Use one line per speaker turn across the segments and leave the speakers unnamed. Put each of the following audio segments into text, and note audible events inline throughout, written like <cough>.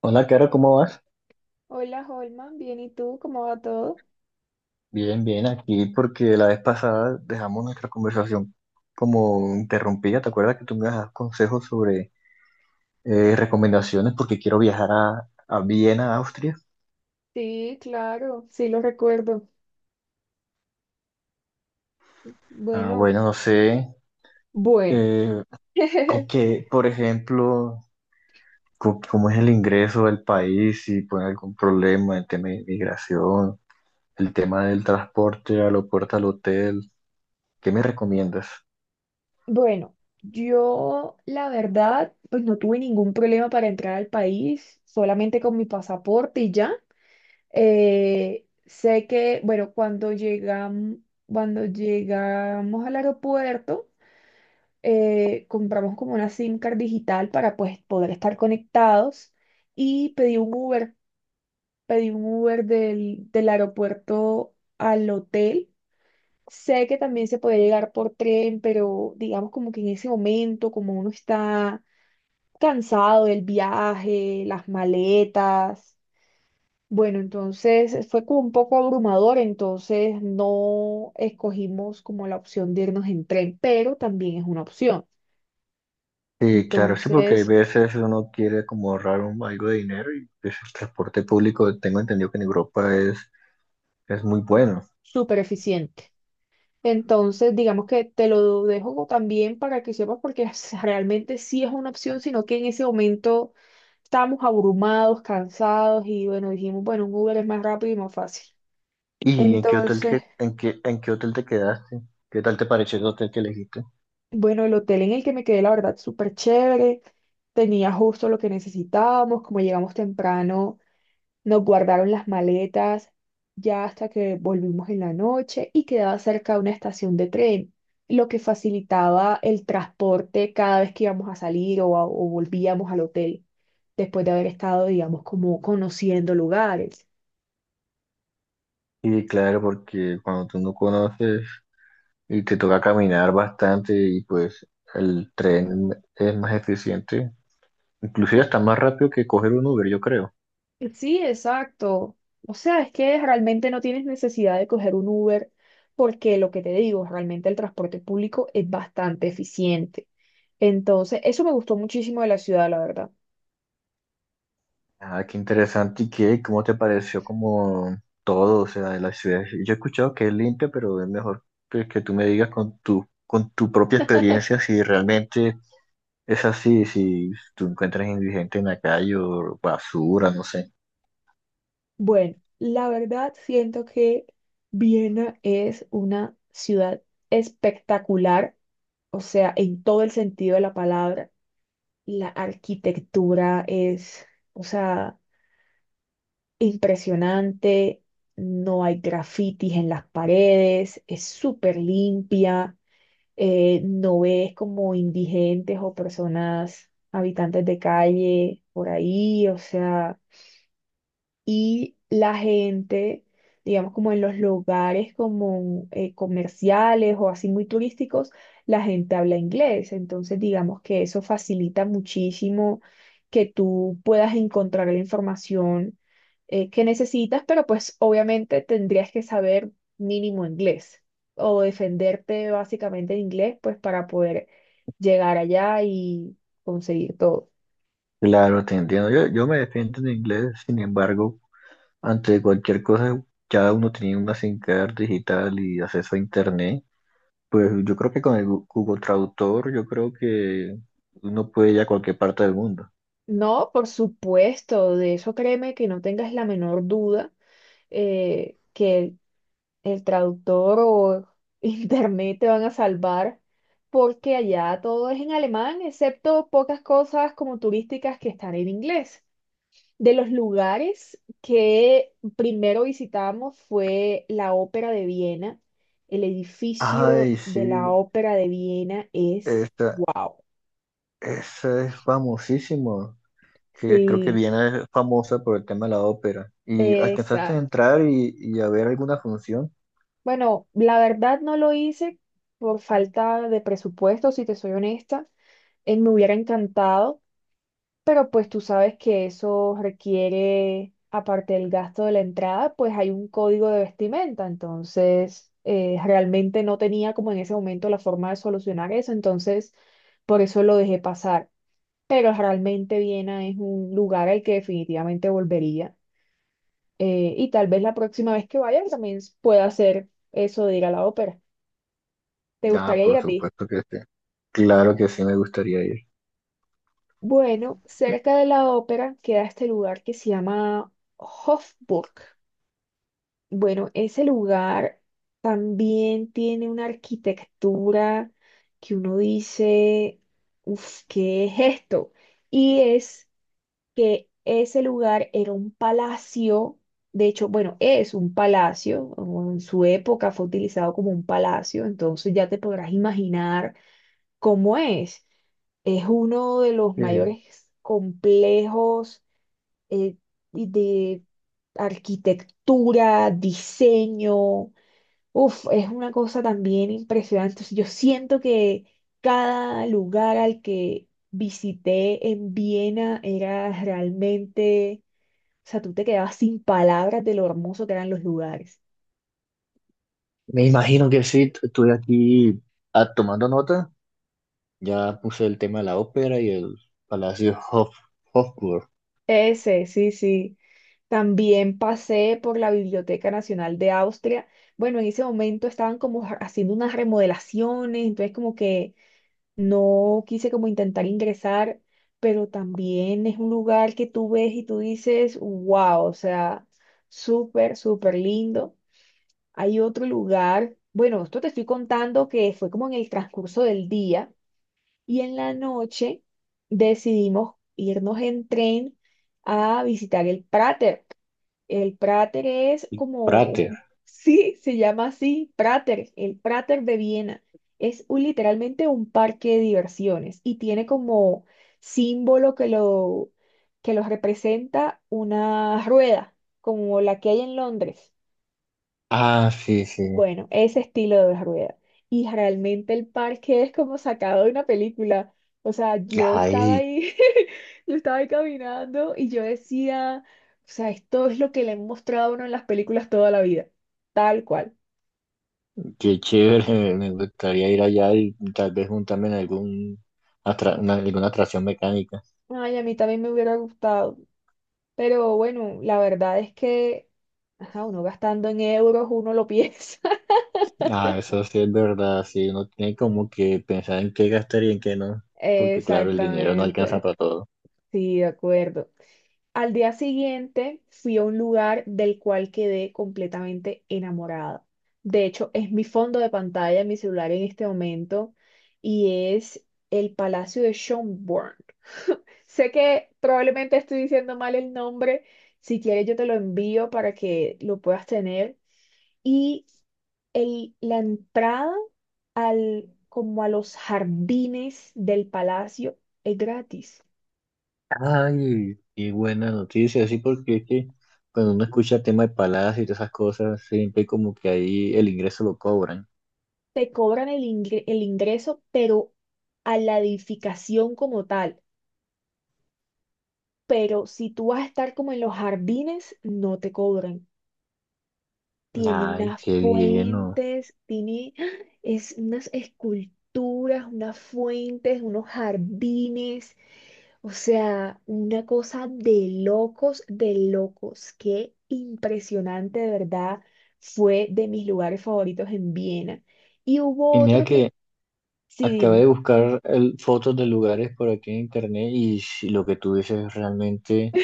Hola, Caro, ¿cómo vas?
Hola Holman, bien, ¿y tú? ¿Cómo va todo?
Bien, bien, aquí porque la vez pasada dejamos nuestra conversación como interrumpida. ¿Te acuerdas que tú me das consejos sobre recomendaciones porque quiero viajar a Viena, Austria?
Sí, claro, sí lo recuerdo.
Ah,
Bueno,
bueno, no sé,
bueno.
eh,
<laughs>
con qué, por ejemplo, cómo es el ingreso del país, si pone algún problema, el tema de migración, el tema del transporte, aeropuerto al hotel, ¿qué me recomiendas?
Bueno, yo la verdad, pues no tuve ningún problema para entrar al país, solamente con mi pasaporte y ya. Sé que, bueno, cuando llegamos al aeropuerto, compramos como una SIM card digital para pues poder estar conectados y pedí un Uber. Pedí un Uber del aeropuerto al hotel. Sé que también se puede llegar por tren, pero digamos como que en ese momento, como uno está cansado del viaje, las maletas, bueno, entonces fue como un poco abrumador, entonces no escogimos como la opción de irnos en tren, pero también es una opción.
Sí, claro, sí, porque hay
Entonces,
veces uno quiere como ahorrar algo de dinero y pues, el transporte público, tengo entendido que en Europa es muy bueno.
súper eficiente. Entonces, digamos que te lo dejo también para que sepas, porque realmente sí es una opción, sino que en ese momento estábamos abrumados, cansados y bueno, dijimos, bueno, un Uber es más rápido y más fácil.
¿Y en qué
Entonces,
en en qué hotel te quedaste? ¿Qué tal te pareció el hotel que elegiste?
bueno, el hotel en el que me quedé, la verdad, súper chévere. Tenía justo lo que necesitábamos, como llegamos temprano. Nos guardaron las maletas ya hasta que volvimos en la noche y quedaba cerca de una estación de tren, lo que facilitaba el transporte cada vez que íbamos a salir o volvíamos al hotel, después de haber estado, digamos, como conociendo lugares.
Sí, claro, porque cuando tú no conoces y te toca caminar bastante y pues el tren es más eficiente, inclusive
Po-
hasta más rápido que coger un Uber, yo creo.
Sí, exacto. O sea, es que realmente no tienes necesidad de coger un Uber porque lo que te digo, realmente el transporte público es bastante eficiente. Entonces, eso me gustó muchísimo de la ciudad, la verdad.
Ah, qué interesante. ¿Y qué? ¿Cómo te pareció como todo, o sea, de la ciudad? Yo he escuchado que es limpia, pero es mejor que tú me digas con tu propia experiencia si realmente es así, si tú encuentras indigente en la calle o basura, no sé.
Bueno, la verdad siento que Viena es una ciudad espectacular, o sea, en todo el sentido de la palabra. La arquitectura es, o sea, impresionante, no hay grafitis en las paredes, es súper limpia, no ves como indigentes o personas habitantes de calle por ahí, o sea, y la gente, digamos como en los lugares como comerciales o así muy turísticos, la gente habla inglés. Entonces, digamos que eso facilita muchísimo que tú puedas encontrar la información que necesitas, pero pues obviamente tendrías que saber mínimo inglés o defenderte básicamente en inglés, pues para poder llegar allá y conseguir todo.
Claro, te entiendo. Yo me defiendo en inglés, sin embargo, ante cualquier cosa, ya uno tenía una SIM card digital y acceso a internet. Pues yo creo que con el Google Traductor, yo creo que uno puede ir a cualquier parte del mundo.
No, por supuesto, de eso créeme que no tengas la menor duda que el traductor o <laughs> internet te van a salvar porque allá todo es en alemán, excepto pocas cosas como turísticas que están en inglés. De los lugares que primero visitamos fue la Ópera de Viena. El edificio
Ay,
de la
sí,
Ópera de Viena es
esta,
wow.
esa es famosísimo, que creo que
Sí,
viene famosa por el tema de la ópera. ¿Y alcanzaste a
exacto.
entrar y a ver alguna función?
Bueno, la verdad no lo hice por falta de presupuesto, si te soy honesta. Me hubiera encantado, pero pues tú sabes que eso requiere, aparte del gasto de la entrada, pues hay un código de vestimenta. Entonces, realmente no tenía como en ese momento la forma de solucionar eso. Entonces, por eso lo dejé pasar. Pero realmente Viena es un lugar al que definitivamente volvería. Y tal vez la próxima vez que vaya también pueda hacer eso de ir a la ópera. ¿Te
Ah,
gustaría ir
por
a ti?
supuesto que sí. Claro que sí, me gustaría ir.
Bueno, cerca de la ópera queda este lugar que se llama Hofburg. Bueno, ese lugar también tiene una arquitectura que uno dice, uff, ¿qué es esto? Y es que ese lugar era un palacio, de hecho, bueno, es un palacio, o en su época fue utilizado como un palacio, entonces ya te podrás imaginar cómo es. Es uno de los
Eh,
mayores complejos eh, y de arquitectura, diseño. Uf, es una cosa también impresionante. Entonces, yo siento que cada lugar al que visité en Viena era realmente, o sea, tú te quedabas sin palabras de lo hermoso que eran los lugares.
me imagino que sí, estuve aquí ah, tomando nota. Ya puse el tema de la ópera y el Palacio Hof, Hofburg,
Ese, sí, sí. También pasé por la Biblioteca Nacional de Austria. Bueno, en ese momento estaban como haciendo unas remodelaciones, entonces como que no quise como intentar ingresar, pero también es un lugar que tú ves y tú dices, wow, o sea, súper, súper lindo. Hay otro lugar, bueno, esto te estoy contando que fue como en el transcurso del día y en la noche decidimos irnos en tren a visitar el Prater. El Prater es como,
Prater.
<laughs> sí, se llama así, Prater, el Prater de Viena. Es literalmente un parque de diversiones y tiene como símbolo que los representa una rueda, como la que hay en Londres.
Ah, sí, sí.
Bueno, ese estilo de rueda. Y realmente el parque es como sacado de una película. O sea, yo estaba
Ay,
ahí, <laughs> yo estaba ahí caminando y yo decía, o sea, esto es lo que le han mostrado a uno en las películas toda la vida, tal cual.
qué chévere, <laughs> me gustaría ir allá y tal vez juntarme en alguna atracción mecánica.
Ay, a mí también me hubiera gustado. Pero bueno, la verdad es que, ajá, uno gastando en euros, uno lo piensa.
Ah, eso sí es verdad, sí, uno tiene como que pensar en qué gastar y en qué no,
<laughs>
porque claro, el dinero no alcanza
Exactamente.
para todo.
Sí, de acuerdo. Al día siguiente fui a un lugar del cual quedé completamente enamorada. De hecho, es mi fondo de pantalla en mi celular en este momento y es el Palacio de Schönborn. Sé que probablemente estoy diciendo mal el nombre. Si quieres, yo te lo envío para que lo puedas tener. Y la entrada al, como a los jardines del palacio es gratis.
Ay, qué buena noticia, sí, porque es que cuando uno escucha temas de paladas y todas esas cosas, siempre como que ahí el ingreso lo cobran.
Te cobran el ingreso, pero a la edificación como tal. Pero si tú vas a estar como en los jardines, no te cobran. Tiene
Ay,
unas
qué bien, ¿no?
fuentes, tiene <gasps> ¡ah! Es unas esculturas, unas fuentes, unos jardines. O sea, una cosa de locos, de locos. Qué impresionante, de verdad. Fue de mis lugares favoritos en Viena. Y hubo
Y mira
otro que,
que
sí,
acabé de
dime.
buscar fotos de lugares por aquí en internet y si lo que tú dices realmente.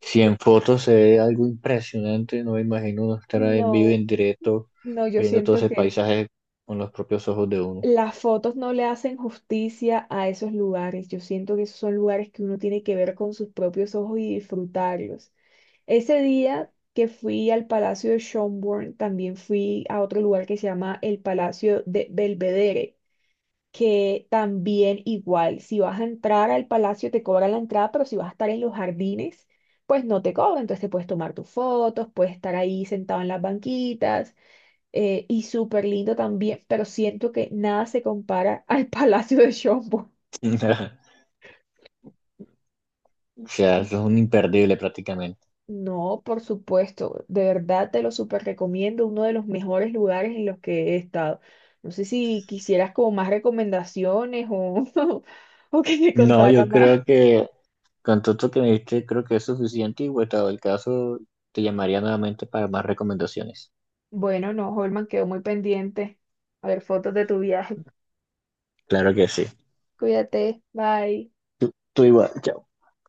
Si en fotos se ve algo impresionante, no me imagino uno estar en vivo y
No.
en directo,
No, yo
viendo todo
siento
ese
que
paisaje con los propios ojos de uno.
las fotos no le hacen justicia a esos lugares. Yo siento que esos son lugares que uno tiene que ver con sus propios ojos y disfrutarlos. Ese día que fui al Palacio de Schönborn, también fui a otro lugar que se llama el Palacio de Belvedere, que también igual, si vas a entrar al palacio te cobran la entrada, pero si vas a estar en los jardines, pues no te cobran. Entonces te puedes tomar tus fotos, puedes estar ahí sentado en las banquitas y súper lindo también, pero siento que nada se compara <laughs> al Palacio de Chombo.
<laughs> O sea, eso es un imperdible prácticamente.
No, por supuesto, de verdad te lo súper recomiendo, uno de los mejores lugares en los que he estado. No sé si quisieras como más recomendaciones o, <laughs> o que te
No,
contara
yo
más.
creo que con todo esto que me diste, creo que es suficiente y, vuelto el caso, te llamaría nuevamente para más recomendaciones.
Bueno, no, Holman, quedó muy pendiente. A ver, fotos de tu viaje.
Claro que sí.
Cuídate, bye.
Tú igual. Chao.